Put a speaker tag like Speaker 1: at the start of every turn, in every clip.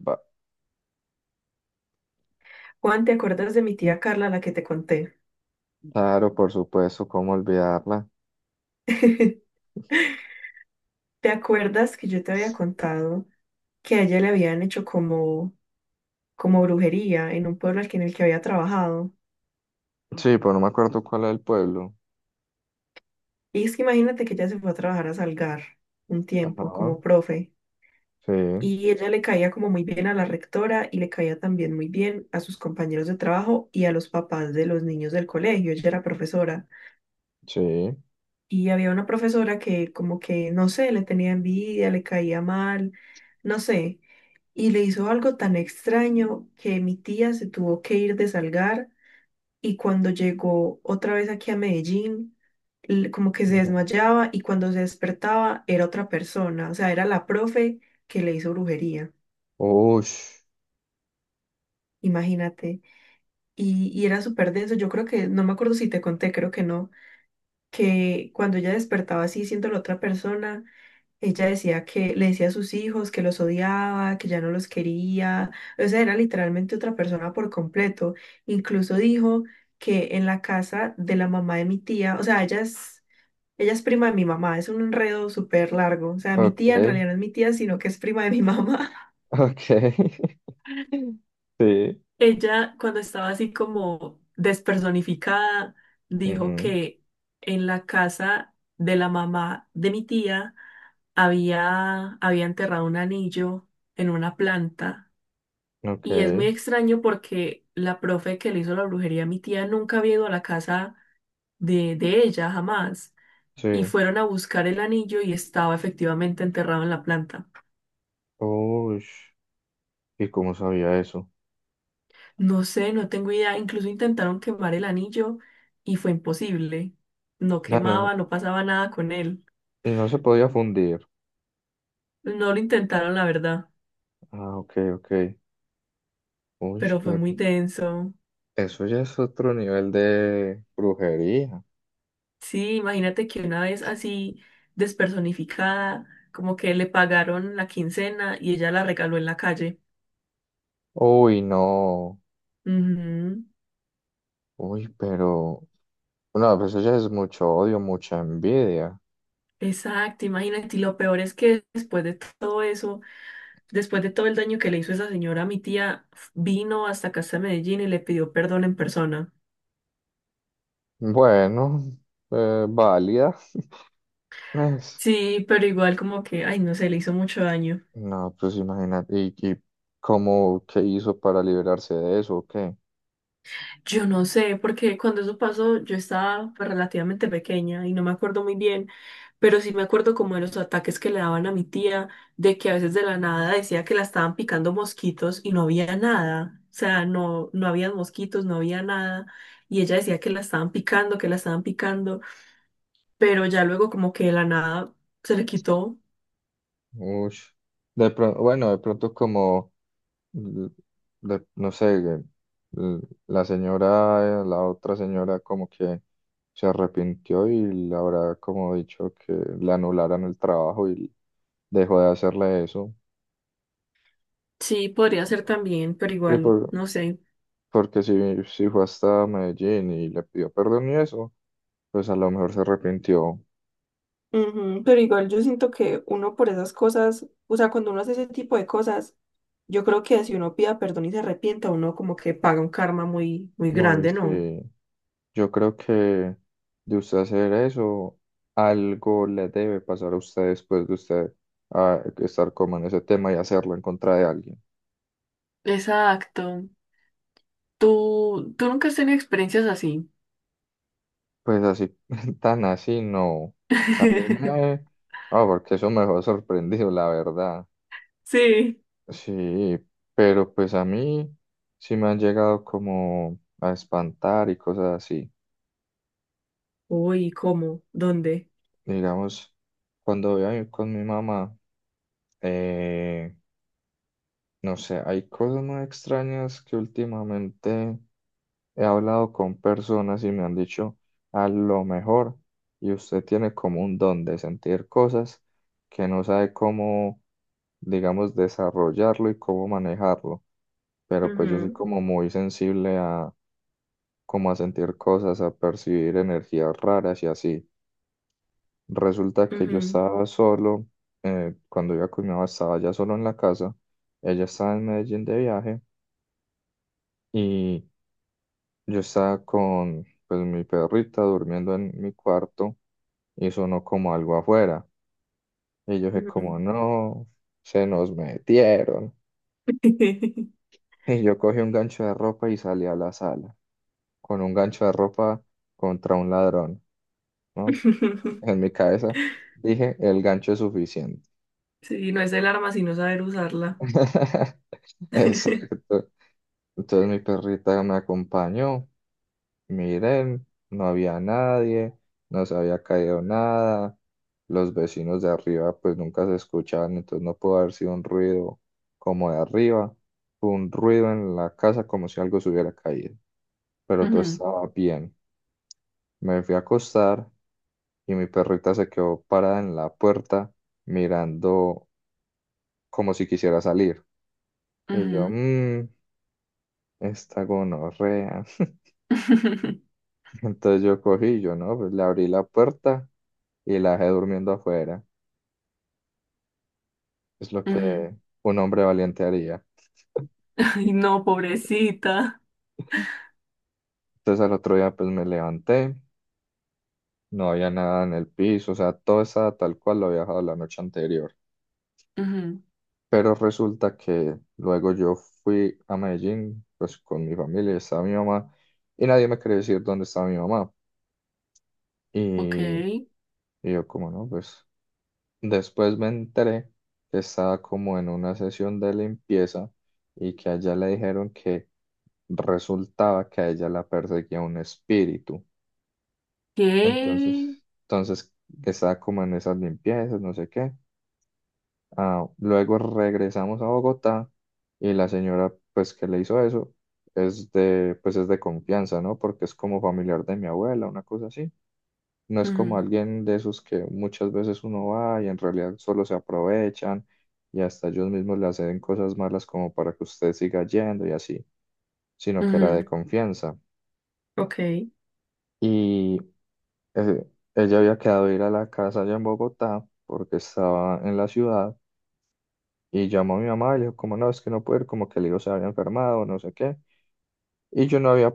Speaker 1: Ba-
Speaker 2: Juan, ¿te acuerdas de mi tía Carla, la que te conté?
Speaker 1: Claro, por supuesto, ¿cómo olvidarla?
Speaker 2: ¿Te acuerdas que yo te había contado que a ella le habían hecho como brujería en un pueblo en el que había trabajado?
Speaker 1: Sí, pero no me acuerdo cuál es el pueblo.
Speaker 2: Y es que imagínate que ella se fue a trabajar a Salgar un tiempo
Speaker 1: Ajá,
Speaker 2: como profe
Speaker 1: sí,
Speaker 2: y ella le caía como muy bien a la rectora y le caía también muy bien a sus compañeros de trabajo y a los papás de los niños del colegio. Ella era profesora
Speaker 1: sí.
Speaker 2: y había una profesora que como que, no sé, le tenía envidia, le caía mal, no sé. Y le hizo algo tan extraño que mi tía se tuvo que ir de Salgar y cuando llegó otra vez aquí a Medellín, como que se
Speaker 1: Ujú.
Speaker 2: desmayaba y cuando se despertaba era otra persona, o sea, era la profe que le hizo brujería,
Speaker 1: Ush,
Speaker 2: imagínate. Y era súper denso, yo creo que, no me acuerdo si te conté, creo que no, que cuando ella despertaba así siendo la otra persona, ella decía que le decía a sus hijos que los odiaba, que ya no los quería, o sea, era literalmente otra persona por completo. Incluso dijo que en la casa de la mamá de mi tía, o sea, ella es prima de mi mamá, es un enredo súper largo, o sea, mi tía en
Speaker 1: ok,
Speaker 2: realidad no es mi tía, sino que es prima de mi mamá.
Speaker 1: ok. Sí,
Speaker 2: Ella, cuando estaba así como despersonificada, dijo
Speaker 1: ujú,
Speaker 2: que en la casa de la mamá de mi tía había enterrado un anillo en una planta.
Speaker 1: ok,
Speaker 2: Y es muy extraño porque la profe que le hizo la brujería a mi tía nunca había ido a la casa de ella, jamás. Y
Speaker 1: sí.
Speaker 2: fueron a buscar el anillo y estaba efectivamente enterrado en la planta.
Speaker 1: Ush, ¿y cómo sabía eso?
Speaker 2: No sé, no tengo idea. Incluso intentaron quemar el anillo y fue imposible. No
Speaker 1: Ya no-
Speaker 2: quemaba, no pasaba nada con él.
Speaker 1: y no se podía fundir.
Speaker 2: No lo intentaron, la verdad,
Speaker 1: Ah, ok, ok. Uy,
Speaker 2: pero fue
Speaker 1: pero
Speaker 2: muy denso.
Speaker 1: eso ya es otro nivel de brujería.
Speaker 2: Sí, imagínate que una vez así despersonificada, como que le pagaron la quincena y ella la regaló en la calle.
Speaker 1: Uy, no.
Speaker 2: Ujú.
Speaker 1: Uy, pero... No, pues eso ya es mucho odio, mucha envidia.
Speaker 2: Exacto, imagínate. Y lo peor es que después de todo eso, después de todo el daño que le hizo esa señora, mi tía vino hasta acá, hasta Medellín y le pidió perdón en persona.
Speaker 1: Bueno, válida, pues.
Speaker 2: Sí, pero igual como que, ay, no sé, le hizo mucho daño.
Speaker 1: No, pues imagínate. ¿Y cómo, qué hizo para liberarse de eso? ¿O qué?
Speaker 2: Yo no sé, porque cuando eso pasó yo estaba pues, relativamente pequeña y no me acuerdo muy bien, pero sí me acuerdo como de los ataques que le daban a mi tía, de que a veces de la nada decía que la estaban picando mosquitos y no había nada, o sea, no había mosquitos, no había nada, y ella decía que la estaban picando, que la estaban picando, pero ya luego como que de la nada se le quitó.
Speaker 1: Ush. De pronto, bueno, de pronto como, l- no sé, l- la señora, la otra señora como que se arrepintió y le habrá como dicho que le anularan el trabajo y dejó de hacerle eso.
Speaker 2: Sí, podría ser también, pero
Speaker 1: Y
Speaker 2: igual,
Speaker 1: por,
Speaker 2: no sé.
Speaker 1: Porque si fue hasta Medellín y le pidió perdón y eso, pues a lo mejor se arrepintió.
Speaker 2: Ujú. Pero igual yo siento que uno por esas cosas, o sea, cuando uno hace ese tipo de cosas, yo creo que si uno pida perdón y se arrepienta, uno como que paga un karma muy, muy
Speaker 1: No, y
Speaker 2: grande, ¿no?
Speaker 1: sí, yo creo que de usted hacer eso, algo le debe pasar a usted después de usted estar como en ese tema y hacerlo en contra de alguien.
Speaker 2: Exacto. ¿Tú nunca has tenido experiencias así?
Speaker 1: Pues así, tan así, no. A mí me... Ah, porque eso me dejó sorprendido, la verdad.
Speaker 2: Sí.
Speaker 1: Sí, pero pues a mí sí me han llegado como a espantar y cosas así.
Speaker 2: Uy, ¿cómo? ¿Dónde?
Speaker 1: Digamos, cuando voy a ir con mi mamá, eh, no sé, hay cosas muy extrañas que últimamente he hablado con personas y me han dicho, a lo mejor, y usted tiene como un don de sentir cosas que no sabe cómo, digamos, desarrollarlo y cómo manejarlo. Pero pues yo soy como muy sensible a, como a sentir cosas, a percibir energías raras y así. Resulta que yo
Speaker 2: Ujú,
Speaker 1: estaba solo, cuando iba con mi mamá estaba ya solo en la casa, ella estaba en Medellín de viaje y yo estaba con pues, mi perrita durmiendo en mi cuarto y sonó como algo afuera. Y yo dije
Speaker 2: ujú, ujú.
Speaker 1: como no, se nos metieron. Y yo cogí un gancho de ropa y salí a la sala, con un gancho de ropa contra un ladrón, ¿no? En mi cabeza dije, el gancho es suficiente.
Speaker 2: Sí, no es el arma sino saber usarla.
Speaker 1: Exacto. Entonces mi perrita me acompañó, miren, no había nadie, no se había caído nada, los vecinos de arriba pues nunca se escuchaban, entonces no pudo haber sido un ruido como de arriba, fue un ruido en la casa como si algo se hubiera caído, pero todo
Speaker 2: Ujú,
Speaker 1: estaba bien. Me fui a acostar y mi perrita se quedó parada en la puerta mirando como si quisiera salir. Y yo,
Speaker 2: ujú,
Speaker 1: esta gonorrea. Entonces yo cogí, yo no, pues le abrí la puerta y la dejé durmiendo afuera. Es lo
Speaker 2: ujú.
Speaker 1: que un hombre valiente haría.
Speaker 2: Ay, no, pobrecita.
Speaker 1: Entonces al otro día pues me levanté, no había nada en el piso, o sea, todo estaba tal cual lo había dejado la noche anterior.
Speaker 2: Ujú.
Speaker 1: Pero resulta que luego yo fui a Medellín, pues con mi familia, y estaba mi mamá, y nadie me quería decir dónde estaba mi mamá.
Speaker 2: Ok.
Speaker 1: Y, y yo como no, pues después me enteré que estaba como en una sesión de limpieza y que a ella le dijeron que resultaba que a ella la perseguía un espíritu. Entonces,
Speaker 2: ¿Qué?
Speaker 1: entonces estaba como en esas limpiezas, no sé qué. Ah, luego regresamos a Bogotá y la señora pues que le hizo eso es de pues es de confianza, ¿no? Porque es como familiar de mi abuela, una cosa así. No es como
Speaker 2: Ujú,
Speaker 1: alguien de esos que muchas veces uno va y en realidad solo se aprovechan y hasta ellos mismos le hacen cosas malas como para que usted siga yendo y así, sino que era de
Speaker 2: ujú,
Speaker 1: confianza.
Speaker 2: Ok. ¿Qué?
Speaker 1: Y eh, ella había quedado de ir a la casa allá en Bogotá porque estaba en la ciudad y llamó a mi mamá y le dijo como no, es que no puedo ir, como que el hijo se había enfermado, no sé qué. Y yo no había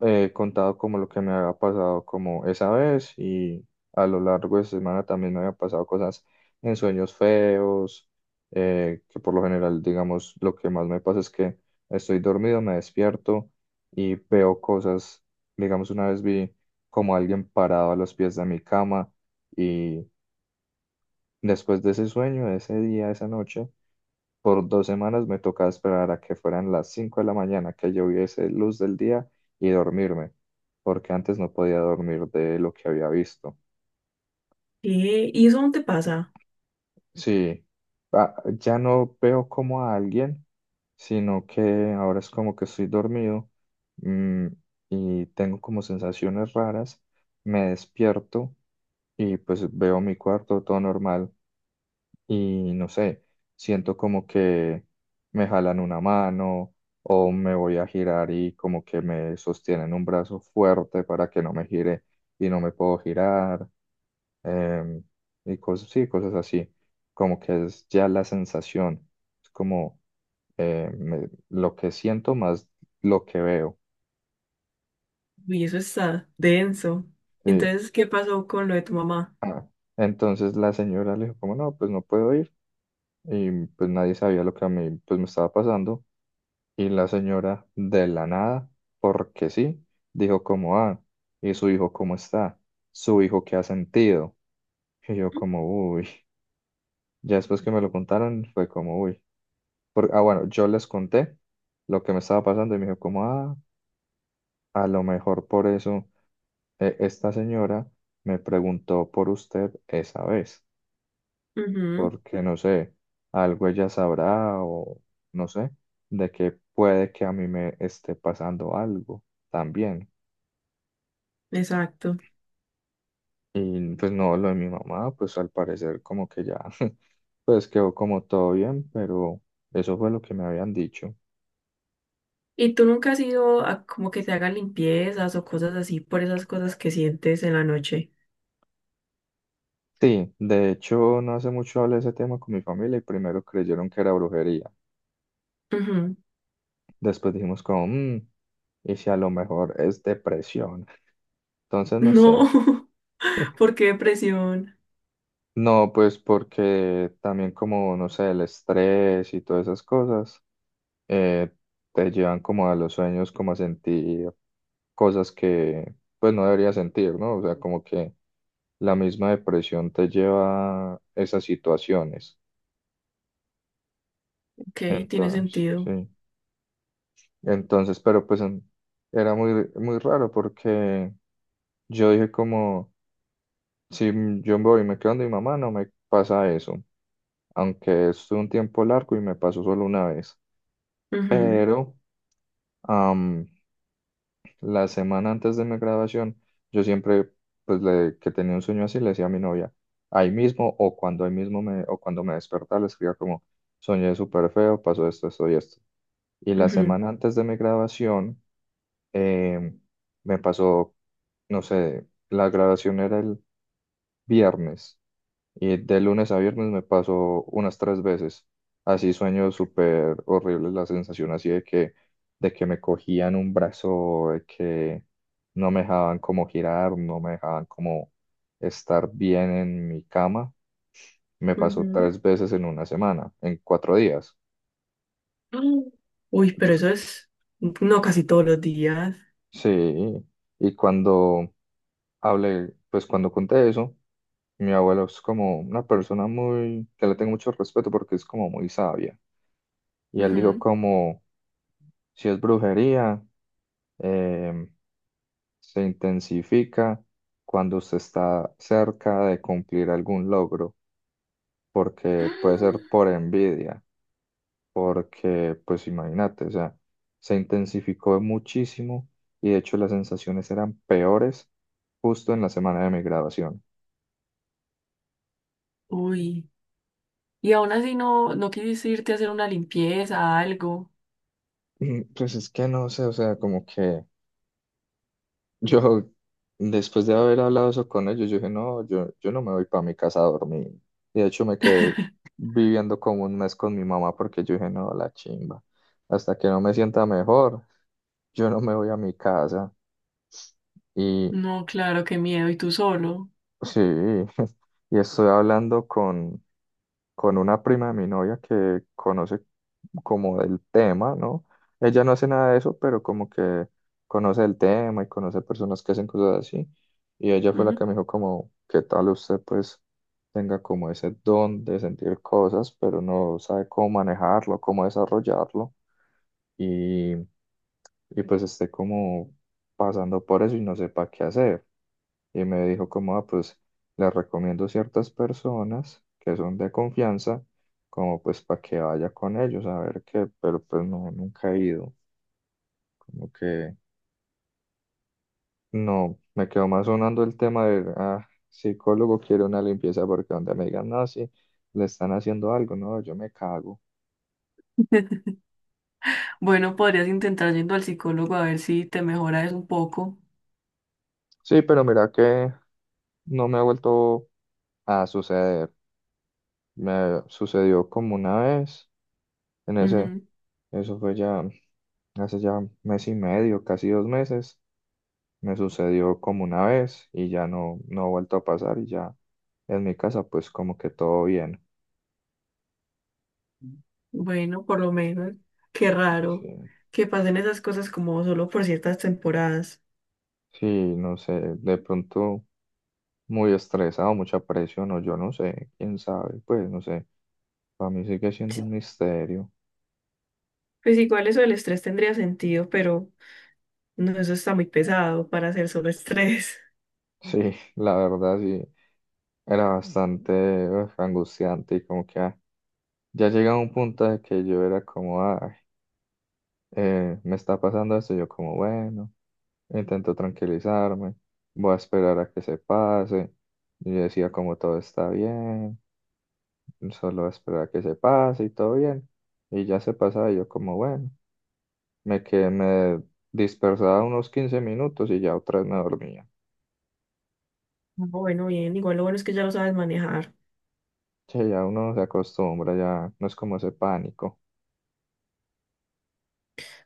Speaker 1: contado como lo que me había pasado como esa vez y a lo largo de esa semana también me había pasado cosas en sueños feos, que por lo general, digamos, lo que más me pasa es que estoy dormido, me despierto y veo cosas, digamos, una vez vi como alguien parado a los pies de mi cama y después de ese sueño, de ese día, de esa noche, por 2 semanas me tocaba esperar a que fueran las 5 de la mañana, que yo viese luz del día y dormirme, porque antes no podía dormir de lo que había visto.
Speaker 2: ¿Y eso dónde pasa?
Speaker 1: Sí, ya no veo como a alguien, sino que ahora es como que estoy dormido, mm, y tengo como sensaciones raras, me despierto y pues veo mi cuarto todo normal. Y no sé, siento como que me jalan una mano o me voy a girar y como que me sostienen un brazo fuerte para que no me gire y no me puedo girar em, y cosas, sí, cosas así, como que es ya la sensación, es como lo que siento más lo que veo,
Speaker 2: Uy, eso está denso.
Speaker 1: sí.
Speaker 2: Entonces, ¿qué pasó con lo de tu mamá?
Speaker 1: Ah, entonces la señora le dijo como no, pues no puedo ir y pues nadie sabía lo que a mí pues me estaba pasando. Y la señora, de la nada, porque sí, dijo como, ah, ¿y su hijo cómo está? ¿Su hijo qué ha sentido? Y yo como, uy, ya después que me lo contaron fue como, uy. Ah, bueno, yo les conté lo que me estaba pasando y me dijo como, ah, a lo mejor por eso esta señora me preguntó por usted esa vez,
Speaker 2: Ujú.
Speaker 1: porque no sé, algo ella sabrá o no sé, de que puede que a mí me esté pasando algo también.
Speaker 2: Exacto.
Speaker 1: Y pues no, lo de mi mamá, pues al parecer como que ya, pues quedó como todo bien, pero eso fue lo que me habían dicho.
Speaker 2: ¿Y tú nunca has ido a como que te hagan limpiezas o cosas así por esas cosas que sientes en la noche?
Speaker 1: Sí, de hecho no hace mucho hablé de ese tema con mi familia y primero creyeron que era brujería.
Speaker 2: Ujú.
Speaker 1: Después dijimos como, y si a lo mejor es depresión". Entonces no sé.
Speaker 2: No. ¿Por qué depresión?
Speaker 1: No, pues porque también como, no sé, el estrés y todas esas cosas eh, te llevan como a los sueños, como a sentir cosas que pues no debería sentir, ¿no? O sea, como que la misma depresión te lleva a esas situaciones.
Speaker 2: Ok, tiene
Speaker 1: Entonces,
Speaker 2: sentido.
Speaker 1: sí. Entonces, pero pues era muy, muy raro porque yo dije como, si yo me voy y me quedo donde mi mamá, no me pasa eso. Aunque estuve un tiempo largo y me pasó solo una vez.
Speaker 2: Ujú,
Speaker 1: Pero, la semana antes de mi graduación, yo siempre, pues, que tenía un sueño así, le decía a mi novia, ahí mismo o cuando ahí mismo me, o cuando me despertaba, le escribía como, soñé súper feo, pasó esto, esto y esto. Y la
Speaker 2: ujú,
Speaker 1: semana antes de mi graduación, em, me pasó, no sé, la graduación era el viernes. Y de lunes a viernes me pasó unas tres veces. Así sueño súper horrible, la sensación así de que me cogían un brazo, de que no me dejaban como girar, no me dejaban como estar bien en mi cama. Me pasó
Speaker 2: ujú.
Speaker 1: tres veces en una semana, en 4 días.
Speaker 2: Mm. Uy, pero
Speaker 1: Entonces,
Speaker 2: eso es, no, casi todos los días.
Speaker 1: sí, y cuando hablé, pues cuando conté eso, mi abuelo es como una persona muy, que le tengo mucho respeto porque es como muy sabia. Y él dijo como... Si es brujería, em, se intensifica cuando usted está cerca de cumplir algún logro, porque puede ser
Speaker 2: ¡Ah!
Speaker 1: por envidia, porque, pues imagínate, o sea, se intensificó muchísimo y de hecho las sensaciones eran peores justo en la semana de mi graduación.
Speaker 2: Uy, y aún así no, no quisiste irte a hacer una limpieza, algo.
Speaker 1: Pues es que no sé, o sea, como que... Yo, después de haber hablado eso con ellos, yo dije, no, yo no me voy para mi casa a dormir. Y de hecho me quedé viviendo como un mes con mi mamá porque yo dije, no, la chimba. Hasta que no me sienta mejor, yo no me voy a mi casa.
Speaker 2: No, claro, qué miedo, y tú solo.
Speaker 1: Sí, y estoy hablando con una prima de mi novia que conoce como del tema, ¿no? Ella no hace nada de eso, pero como que conoce el tema y conoce personas que hacen cosas así. Y ella fue la
Speaker 2: Ujú.
Speaker 1: que me dijo como, ¿qué tal usted pues tenga como ese don de sentir cosas, pero no sabe cómo manejarlo, cómo desarrollarlo? Y, y pues esté como pasando por eso y no sepa qué hacer. Y me dijo como, ah, pues le recomiendo ciertas personas que son de confianza, como pues para que vaya con ellos a ver qué, pero pues no, nunca he ido, como que no, me quedó más sonando el tema de, ah, psicólogo quiere una limpieza porque donde me digan, no, sí, le están haciendo algo, no, yo me cago.
Speaker 2: Bueno, podrías intentar yendo al psicólogo a ver si te mejora un poco.
Speaker 1: Sí, pero mira que no me ha vuelto a suceder. Me sucedió como una vez, en ese,
Speaker 2: Ujú.
Speaker 1: eso fue ya hace ya mes y medio, casi 2 meses, me sucedió como una vez y ya no, no ha vuelto a pasar y ya en mi casa pues como que todo bien.
Speaker 2: Bueno, por lo menos. Qué
Speaker 1: Y
Speaker 2: raro
Speaker 1: sí,
Speaker 2: que pasen esas cosas como solo por ciertas temporadas.
Speaker 1: sí, no sé, de pronto muy estresado, mucha presión o yo no sé, quién sabe, pues no sé, para mí sigue siendo
Speaker 2: Sí,
Speaker 1: un misterio.
Speaker 2: pues igual eso del estrés tendría sentido, pero no, eso está muy pesado para hacer solo estrés.
Speaker 1: Sí, la verdad sí, era bastante uf, angustiante y como que ah, ya llegaba un punto de que yo era como, ay. Eh, me está pasando esto, yo como, bueno, intento tranquilizarme, voy a esperar a que se pase. Y yo decía como todo está bien, solo voy a esperar a que se pase y todo bien. Y ya se pasaba y yo como, bueno, me que me dispersaba unos 15 minutos y ya otra vez me dormía.
Speaker 2: Bueno, bien, igual lo bueno es que ya lo sabes manejar.
Speaker 1: Che, ya uno se acostumbra, ya no es como ese pánico.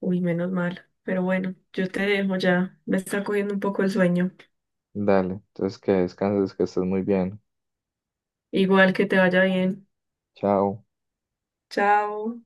Speaker 2: Uy, menos mal. Pero bueno, yo te dejo ya. Me está cogiendo un poco el sueño.
Speaker 1: Dale, entonces que descanses, que estés muy bien.
Speaker 2: Igual que te vaya bien.
Speaker 1: Chao.
Speaker 2: Chao.